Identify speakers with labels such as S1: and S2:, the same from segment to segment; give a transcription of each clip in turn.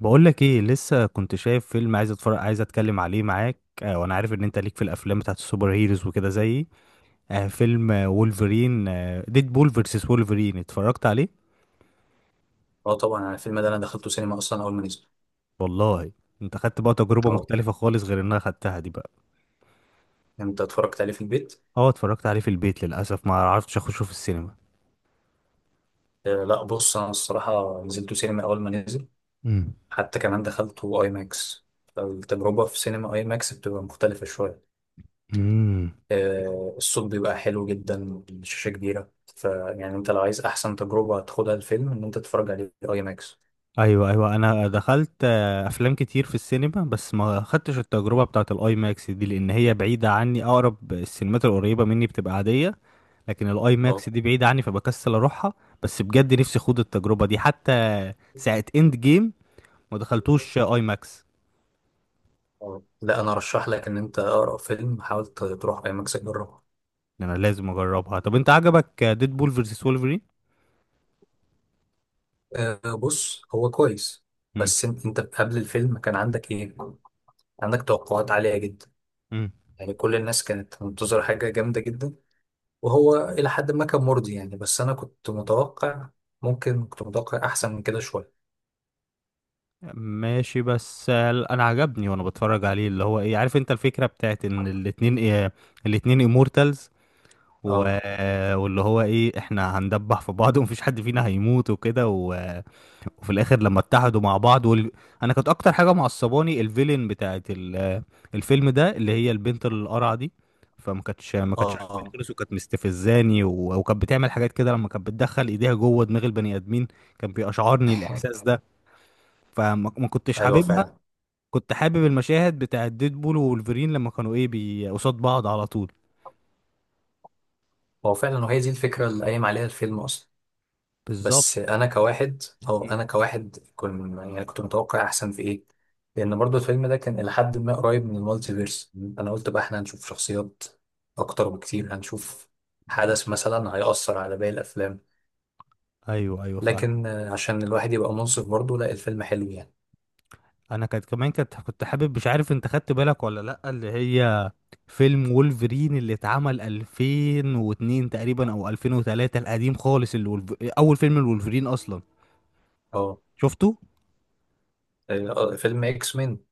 S1: بقولك ايه؟ لسه كنت شايف فيلم، عايز اتفرج عايز اتكلم عليه معاك. وانا عارف ان انت ليك في الافلام بتاعت السوبر هيروز وكده زيي. فيلم وولفرين ديدبول فيرسس وولفرين اتفرجت عليه.
S2: اه، طبعا انا الفيلم ده انا دخلته سينما اصلا اول ما نزل.
S1: والله. انت خدت بقى تجربة
S2: اه،
S1: مختلفة خالص غير انها خدتها دي بقى؟
S2: انت اتفرجت عليه في البيت؟
S1: اه، اتفرجت عليه في البيت، للاسف ما عرفتش اخشه في السينما.
S2: آه، لا بص انا الصراحه نزلته سينما اول ما نزل.
S1: امم.
S2: حتى كمان دخلته اي ماكس. فالتجربه في سينما اي ماكس بتبقى مختلفه شويه.
S1: امم.
S2: آه، الصوت بيبقى حلو جدا، الشاشه كبيره، فيعني انت لو عايز احسن تجربه تاخدها الفيلم ان انت تتفرج عليه في اي ماكس.
S1: ايوه، ايوه، انا دخلت افلام كتير في السينما، بس ما خدتش التجربه بتاعه الاي ماكس دي لان هي بعيده عني. اقرب السينمات القريبه مني بتبقى عاديه، لكن الاي
S2: اه.
S1: ماكس دي بعيدة عني فبكسل اروحها. بس بجد نفسي اخوض التجربة دي، حتى ساعة اند جيم ما دخلتوش اي ماكس.
S2: آه. لا انا ارشح لك ان انت اقرا فيلم، حاول تروح اي ماكس تجربه.
S1: انا لازم اجربها. طب، انت عجبك ديد بول فيرسس وولفرين؟
S2: آه، بص هو كويس.
S1: امم.
S2: بس انت قبل الفيلم كان عندك ايه؟ عندك توقعات عالية جدا،
S1: امم.
S2: يعني كل الناس كانت منتظرة حاجة جامدة جدا. وهو إلى حد ما كان مرضي، يعني بس أنا كنت متوقع، ممكن كنت متوقع أحسن من كده شوية.
S1: ماشي، بس انا عجبني وانا بتفرج عليه. اللي هو ايه، عارف انت الفكرة بتاعت ان الاتنين إيه؟ الاتنين امورتالز و...
S2: اه.
S1: واللي هو ايه، احنا هندبح في بعض ومفيش حد فينا هيموت وكده وفي الاخر لما اتحدوا مع بعض انا كانت اكتر حاجه معصباني الفيلن بتاعت الفيلم ده، اللي هي البنت القرعه دي. فما كانتش ما
S2: اه.
S1: كانتش عاجباني
S2: آه.
S1: خالص، وكانت مستفزاني وكانت بتعمل حاجات كده، لما كانت بتدخل ايديها جوه دماغ البني ادمين كان بيشعرني الاحساس ده. فما ما كنتش
S2: أيوه
S1: حاببها.
S2: فعلا.
S1: كنت حابب المشاهد بتاعت ديدبول وولفرين لما كانوا ايه، قصاد بعض على طول.
S2: هو فعلا، وهي دي الفكرة اللي قايم عليها الفيلم أصلا.
S1: بالظبط.
S2: بس
S1: مم.
S2: أنا كواحد كنت يعني كنت متوقع أحسن في إيه، لأن برضو الفيلم ده كان إلى حد ما قريب من المالتيفيرس. أنا قلت بقى إحنا هنشوف شخصيات أكتر بكتير، هنشوف حدث مثلا هيأثر على باقي الأفلام.
S1: ايوه، ايوه، فاهم.
S2: لكن عشان الواحد يبقى منصف برضه، لا الفيلم حلو يعني.
S1: انا كانت كمان كانت كنت حابب، مش عارف انت خدت بالك ولا لا، اللي هي فيلم وولفرين اللي اتعمل 2002 تقريبا او 2003، القديم خالص، اللي اول فيلم الولفرين اصلا
S2: اه.
S1: شفته.
S2: فيلم اكس مين.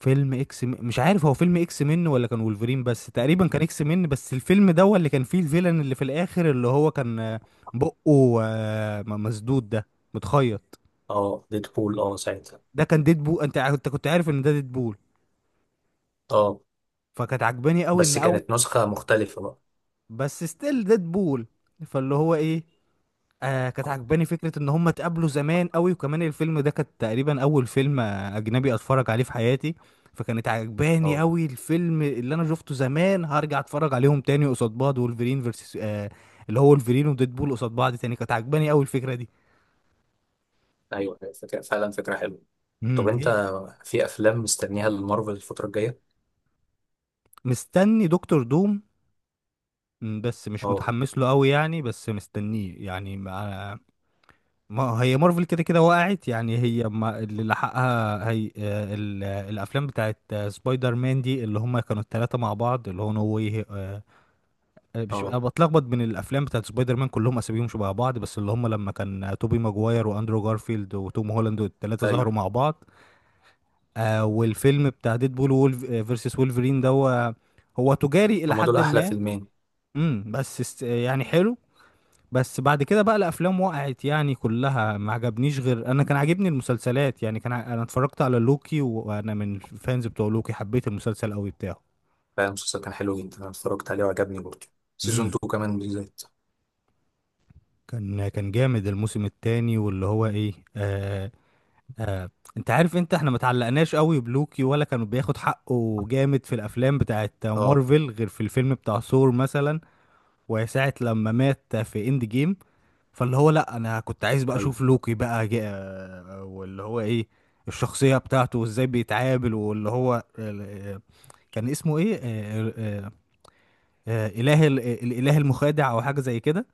S1: فيلم مش عارف هو فيلم اكس من ولا كان وولفرين، بس تقريبا كان اكس من. بس الفيلم ده هو اللي كان فيه الفيلن اللي في الاخر، اللي هو كان بقه مسدود ده، متخيط.
S2: اه، ديدبول، اه ساعتها.
S1: ده كان ديدبول. انت كنت عارف ان ده ديدبول؟
S2: اه،
S1: فكانت عجباني قوي ان
S2: بس كانت نسخة مختلفة بقى.
S1: بس ستيل ديدبول. فاللي هو ايه، كانت عجباني فكرة ان هم اتقابلوا زمان قوي. وكمان الفيلم ده كان تقريبا اول فيلم اجنبي اتفرج عليه في حياتي. فكانت عجباني
S2: اه،
S1: قوي الفيلم اللي انا شفته زمان، هرجع اتفرج عليهم تاني قصاد بعض، وولفرين versus اللي هو ولفرين وديدبول قصاد بعض تاني. كانت عجباني قوي الفكرة دي.
S2: ايوه، فكرة فعلا، فكرة حلوة. طب
S1: امم.
S2: انت
S1: إيه؟
S2: في افلام مستنيها لمارفل الفترة الجاية؟
S1: مستني دكتور دوم. بس مش
S2: اه.
S1: متحمس له قوي يعني، بس مستنيه يعني. ما هي مارفل كده كده وقعت يعني، هي ما اللي لحقها هي الافلام بتاعت سبايدر مان دي اللي هم كانوا الثلاثه مع بعض، اللي هو نو واي مش انا
S2: اه.
S1: بتلخبط بين الافلام بتاعت سبايدر مان، كلهم اساميهم شبه بعض. بس اللي هم لما كان توبي ماجواير واندرو جارفيلد وتوم هولاند والثلاثه
S2: ايوه.
S1: ظهروا مع بعض. والفيلم بتاع ديدبول وولف فيرسس وولفرين ده هو تجاري الى
S2: هما دول
S1: حد
S2: احلى
S1: ما.
S2: فيلمين.
S1: بس يعني حلو. بس بعد كده بقى الافلام وقعت يعني كلها، ما عجبنيش. غير انا كان عاجبني المسلسلات، يعني انا اتفرجت على لوكي وانا من الفانز بتوع لوكي، حبيت المسلسل قوي بتاعه.
S2: فعلا المسلسل كان حلو جدا، انا اتفرجت عليه وعجبني برضه. سيزون
S1: امم.
S2: 2 كمان بالذات.
S1: كان جامد الموسم الثاني، واللي هو ايه آه انت عارف احنا ما تعلقناش قوي بلوكي، ولا كان بياخد حقه جامد في الافلام بتاعت
S2: اه،
S1: مارفل، غير في الفيلم بتاع ثور مثلا وساعة لما مات في اند جيم. فاللي هو، لا، انا كنت عايز بقى
S2: ايوه،
S1: اشوف لوكي بقى واللي هو ايه، الشخصية بتاعته وازاي بيتعامل، واللي هو كان اسمه ايه؟ اله الاله المخادع او حاجة زي كده.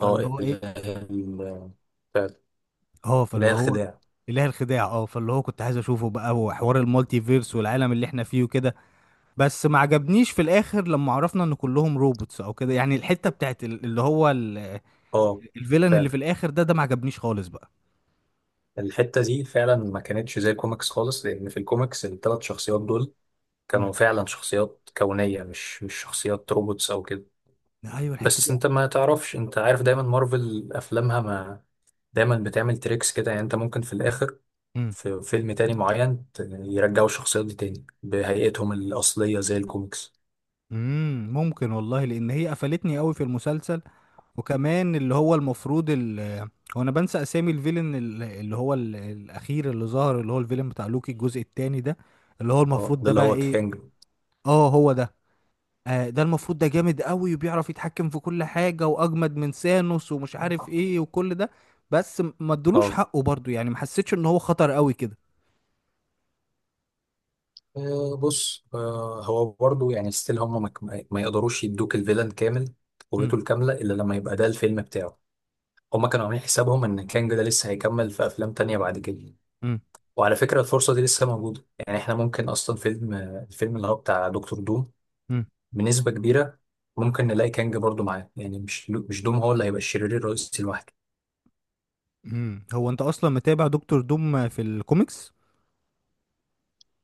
S2: اه
S1: هو ايه،
S2: فعلا.
S1: اه،
S2: اله
S1: فاللي هو
S2: الخداع،
S1: اله الخداع. اه، فاللي هو كنت عايز اشوفه بقى، وحوار المالتي فيرس والعالم اللي احنا فيه وكده. بس ما عجبنيش في الاخر لما عرفنا ان كلهم روبوتس او كده يعني. الحتة بتاعت اللي هو
S2: اه.
S1: الفيلن اللي
S2: فعلا
S1: في الاخر ده، ما عجبنيش خالص بقى.
S2: الحتة دي فعلا ما كانتش زي الكوميكس خالص، لأن في الكوميكس الثلاث شخصيات دول
S1: مم.
S2: كانوا فعلا شخصيات كونية، مش شخصيات روبوتس أو كده.
S1: ايوه، الحتة
S2: بس
S1: دي.
S2: أنت ما تعرفش، أنت عارف دايما مارفل أفلامها ما دايما بتعمل تريكس كده، يعني أنت ممكن في الآخر
S1: مم.
S2: في فيلم تاني معين يرجعوا الشخصيات دي تاني بهيئتهم الأصلية زي الكوميكس.
S1: ممكن والله، لان هي قفلتني قوي في المسلسل. وكمان اللي هو المفروض هو انا بنسى اسامي الفيلن اللي هو الاخير اللي ظهر، اللي هو الفيلن بتاع لوكي الجزء الثاني ده، اللي هو
S2: اه،
S1: المفروض
S2: ده
S1: ده
S2: اللي
S1: بقى
S2: هو
S1: ايه؟
S2: كانج.
S1: اه، هو ده. ده المفروض ده جامد قوي، وبيعرف يتحكم في كل حاجة، واجمد من سانوس ومش عارف ايه وكل ده. بس ما ادلوش
S2: اه.
S1: حقه برضو يعني، ما حسيتش ان هو خطر قوي كده.
S2: بص، هو برضو يعني ستيل هم ما يقدروش يدوك الفيلن كامل
S1: امم.
S2: قوته الكاملة إلا لما يبقى ده الفيلم بتاعه. هم كانوا عاملين حسابهم إن كانج ده لسه هيكمل في أفلام تانية بعد كده.
S1: امم.
S2: وعلى فكرة الفرصة دي لسه موجودة، يعني إحنا ممكن أصلا فيلم الفيلم اللي هو بتاع دكتور دوم بنسبة كبيرة ممكن نلاقي كانج برضو معاه، يعني مش دوم هو اللي هيبقى الشرير الرئيسي لوحده.
S1: امم. هو انت اصلا متابع دكتور دوم في الكوميكس؟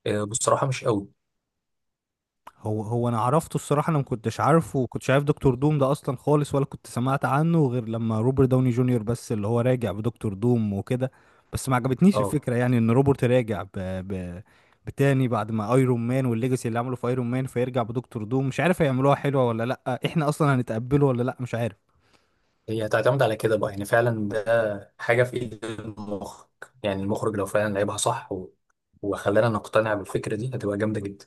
S2: بصراحة مش قوي.
S1: هو انا عرفته الصراحه، انا ما كنتش عارفه وكنتش عارف دكتور دوم ده اصلا خالص، ولا كنت سمعت عنه غير لما روبرت داوني جونيور، بس اللي هو راجع بدكتور دوم وكده. بس ما عجبتنيش
S2: اه،
S1: الفكره يعني، ان روبرت راجع بتاني بعد ما ايرون مان والليجاسي اللي عملوا في ايرون مان، فيرجع بدكتور دوم. مش عارف هيعملوها حلوه ولا لا، احنا اصلا هنتقبله ولا لا، مش عارف.
S2: هي هتعتمد على كده بقى، يعني فعلا ده حاجة في ايد المخرج. يعني المخرج لو فعلا لعبها صح و... وخلانا نقتنع بالفكرة دي هتبقى جامدة جدا.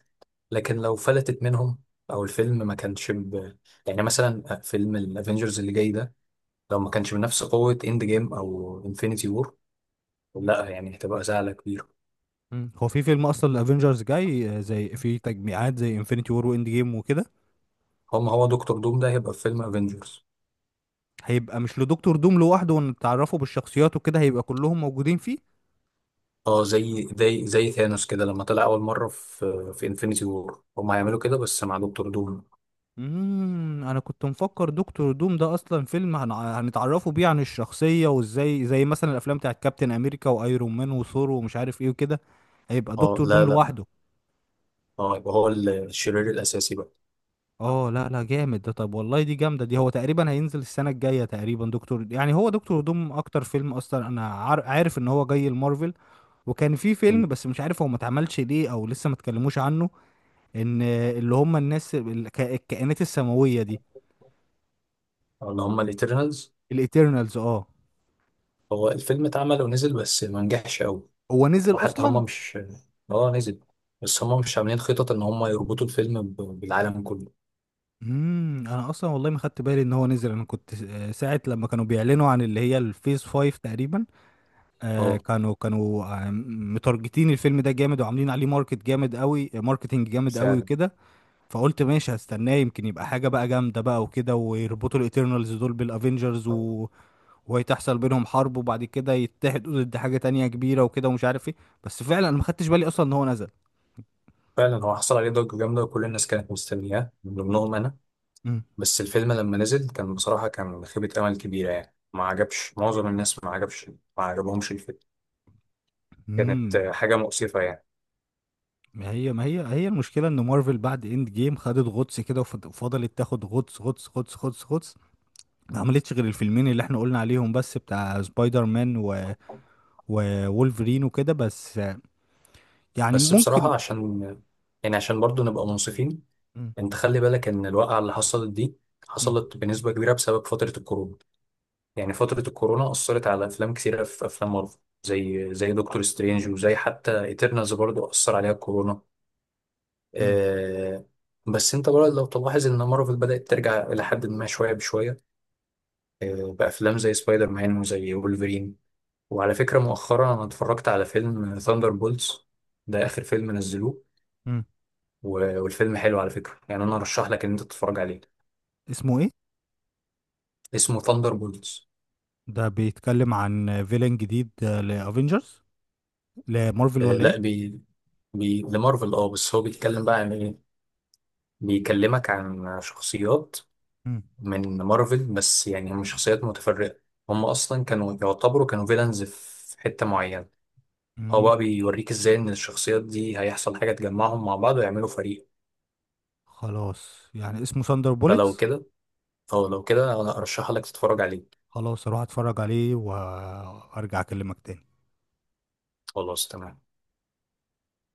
S2: لكن لو فلتت منهم، او الفيلم ما كانش يعني مثلا فيلم الافينجرز اللي جاي ده لو ما كانش بنفس قوة اند جيم او انفينيتي وور، لا يعني هتبقى زعلة كبيرة.
S1: مم. هو في فيلم اصلا الافينجرز جاي زي في تجميعات زي انفينيتي وور واند جيم وكده؟
S2: هو دكتور دوم ده هيبقى في فيلم افينجرز؟
S1: هيبقى مش لدكتور دوم لوحده، ونتعرفوا بالشخصيات وكده، هيبقى كلهم موجودين فيه.
S2: اه، زي ثانوس كده لما طلع اول مرة في انفينيتي وور، هم هيعملوا كده بس مع دكتور دوم.
S1: انا كنت مفكر دكتور دوم ده اصلا فيلم هنتعرفوا بيه عن الشخصيه وازاي، زي مثلا الافلام بتاعت كابتن امريكا وايرون مان وثور ومش عارف ايه وكده، هيبقى
S2: اه،
S1: دكتور دوم
S2: لا لا.
S1: لوحده.
S2: اه، يبقى هو الشرير الاساسي بقى.
S1: اه، لا، لا، جامد ده. طب والله دي جامده دي. هو تقريبا هينزل السنه الجايه تقريبا دكتور، يعني هو دكتور دوم اكتر فيلم اصلا انا عارف ان هو جاي المارفل. وكان في فيلم
S2: مم.
S1: بس مش عارف هو ما اتعملش ليه او لسه ما اتكلموش عنه، ان اللي هم الناس الكائنات السماويه دي،
S2: اللي هم الاترنالز.
S1: الايترنالز. اه،
S2: هو الفيلم اتعمل ونزل بس ما نجحش قوي.
S1: هو نزل
S2: وحتى
S1: اصلا؟
S2: هم مش، اه نزل، بس هم مش عاملين خطط ان هم يربطوا الفيلم بالعالم كله.
S1: انا اصلا والله ما خدت بالي ان هو نزل. انا كنت ساعه لما كانوا بيعلنوا عن اللي هي الفيز 5 تقريبا،
S2: اه
S1: كانوا متارجتين الفيلم ده جامد، وعاملين عليه ماركتنج جامد قوي
S2: فعلا.
S1: وكده. فقلت ماشي هستناه، يمكن يبقى حاجه بقى جامده بقى وكده، ويربطوا الاترنالز دول بالافنجرز وهيتحصل بينهم حرب، وبعد كده يتحدوا ضد حاجه تانية كبيره وكده ومش عارف ايه. بس فعلا انا ما خدتش بالي اصلا ان هو نزل.
S2: فعلا هو حصل عليه ضجة جامدة وكل الناس كانت مستنياه من ضمنهم انا. بس الفيلم لما نزل كان بصراحة كان خيبة امل كبيرة، يعني ما عجبش معظم الناس، ما عجبهمش الفيلم. كانت
S1: امم.
S2: حاجة مؤسفة يعني.
S1: ما هي هي المشكله ان مارفل بعد اند جيم خدت غطس كده، وفضلت تاخد غطس غطس غطس غطس غطس. ما عملتش غير الفيلمين اللي احنا قلنا عليهم بس، بتاع سبايدر مان وولفرين وكده، بس يعني
S2: بس
S1: ممكن.
S2: بصراحة عشان برضو نبقى منصفين،
S1: مم.
S2: انت خلي بالك ان الواقعة اللي حصلت دي
S1: مم.
S2: حصلت بنسبة كبيرة بسبب فترة الكورونا. يعني فترة الكورونا أثرت على أفلام كثيرة، في أفلام مارفل زي دكتور سترينج، وزي حتى إيترنالز برضو أثر عليها الكورونا.
S1: مم.
S2: آه. بس انت برضه لو تلاحظ ان مارفل بدأت ترجع إلى حد ما شوية بشوية، بأفلام زي سبايدر مان وزي وولفرين. وعلى فكرة مؤخرا أنا اتفرجت على فيلم ثاندر بولتس، ده آخر فيلم نزلوه.
S1: مم.
S2: والفيلم حلو على فكرة، يعني أنا أرشح لك إن أنت تتفرج عليه.
S1: اسمه ايه؟
S2: اسمه ثاندر.
S1: ده بيتكلم عن فيلن جديد لافنجرز، لمارفل ولا
S2: لا،
S1: ايه؟
S2: لمارفل، اه بس هو بيتكلم بقى عن ايه، بيكلمك عن شخصيات
S1: مم.
S2: من مارفل، بس يعني هم شخصيات متفرقة. هم اصلا كانوا يعتبروا كانوا فيلنز في حتة معينة. هو بقى
S1: مم.
S2: بيوريك ازاي ان الشخصيات دي هيحصل حاجة تجمعهم مع بعض ويعملوا فريق.
S1: خلاص، يعني اسمه ساندر
S2: فلو
S1: بوليتس.
S2: كده، او لو كده، انا ارشح لك تتفرج عليه.
S1: خلاص، اروح اتفرج عليه وارجع اكلمك تاني.
S2: خلاص تمام.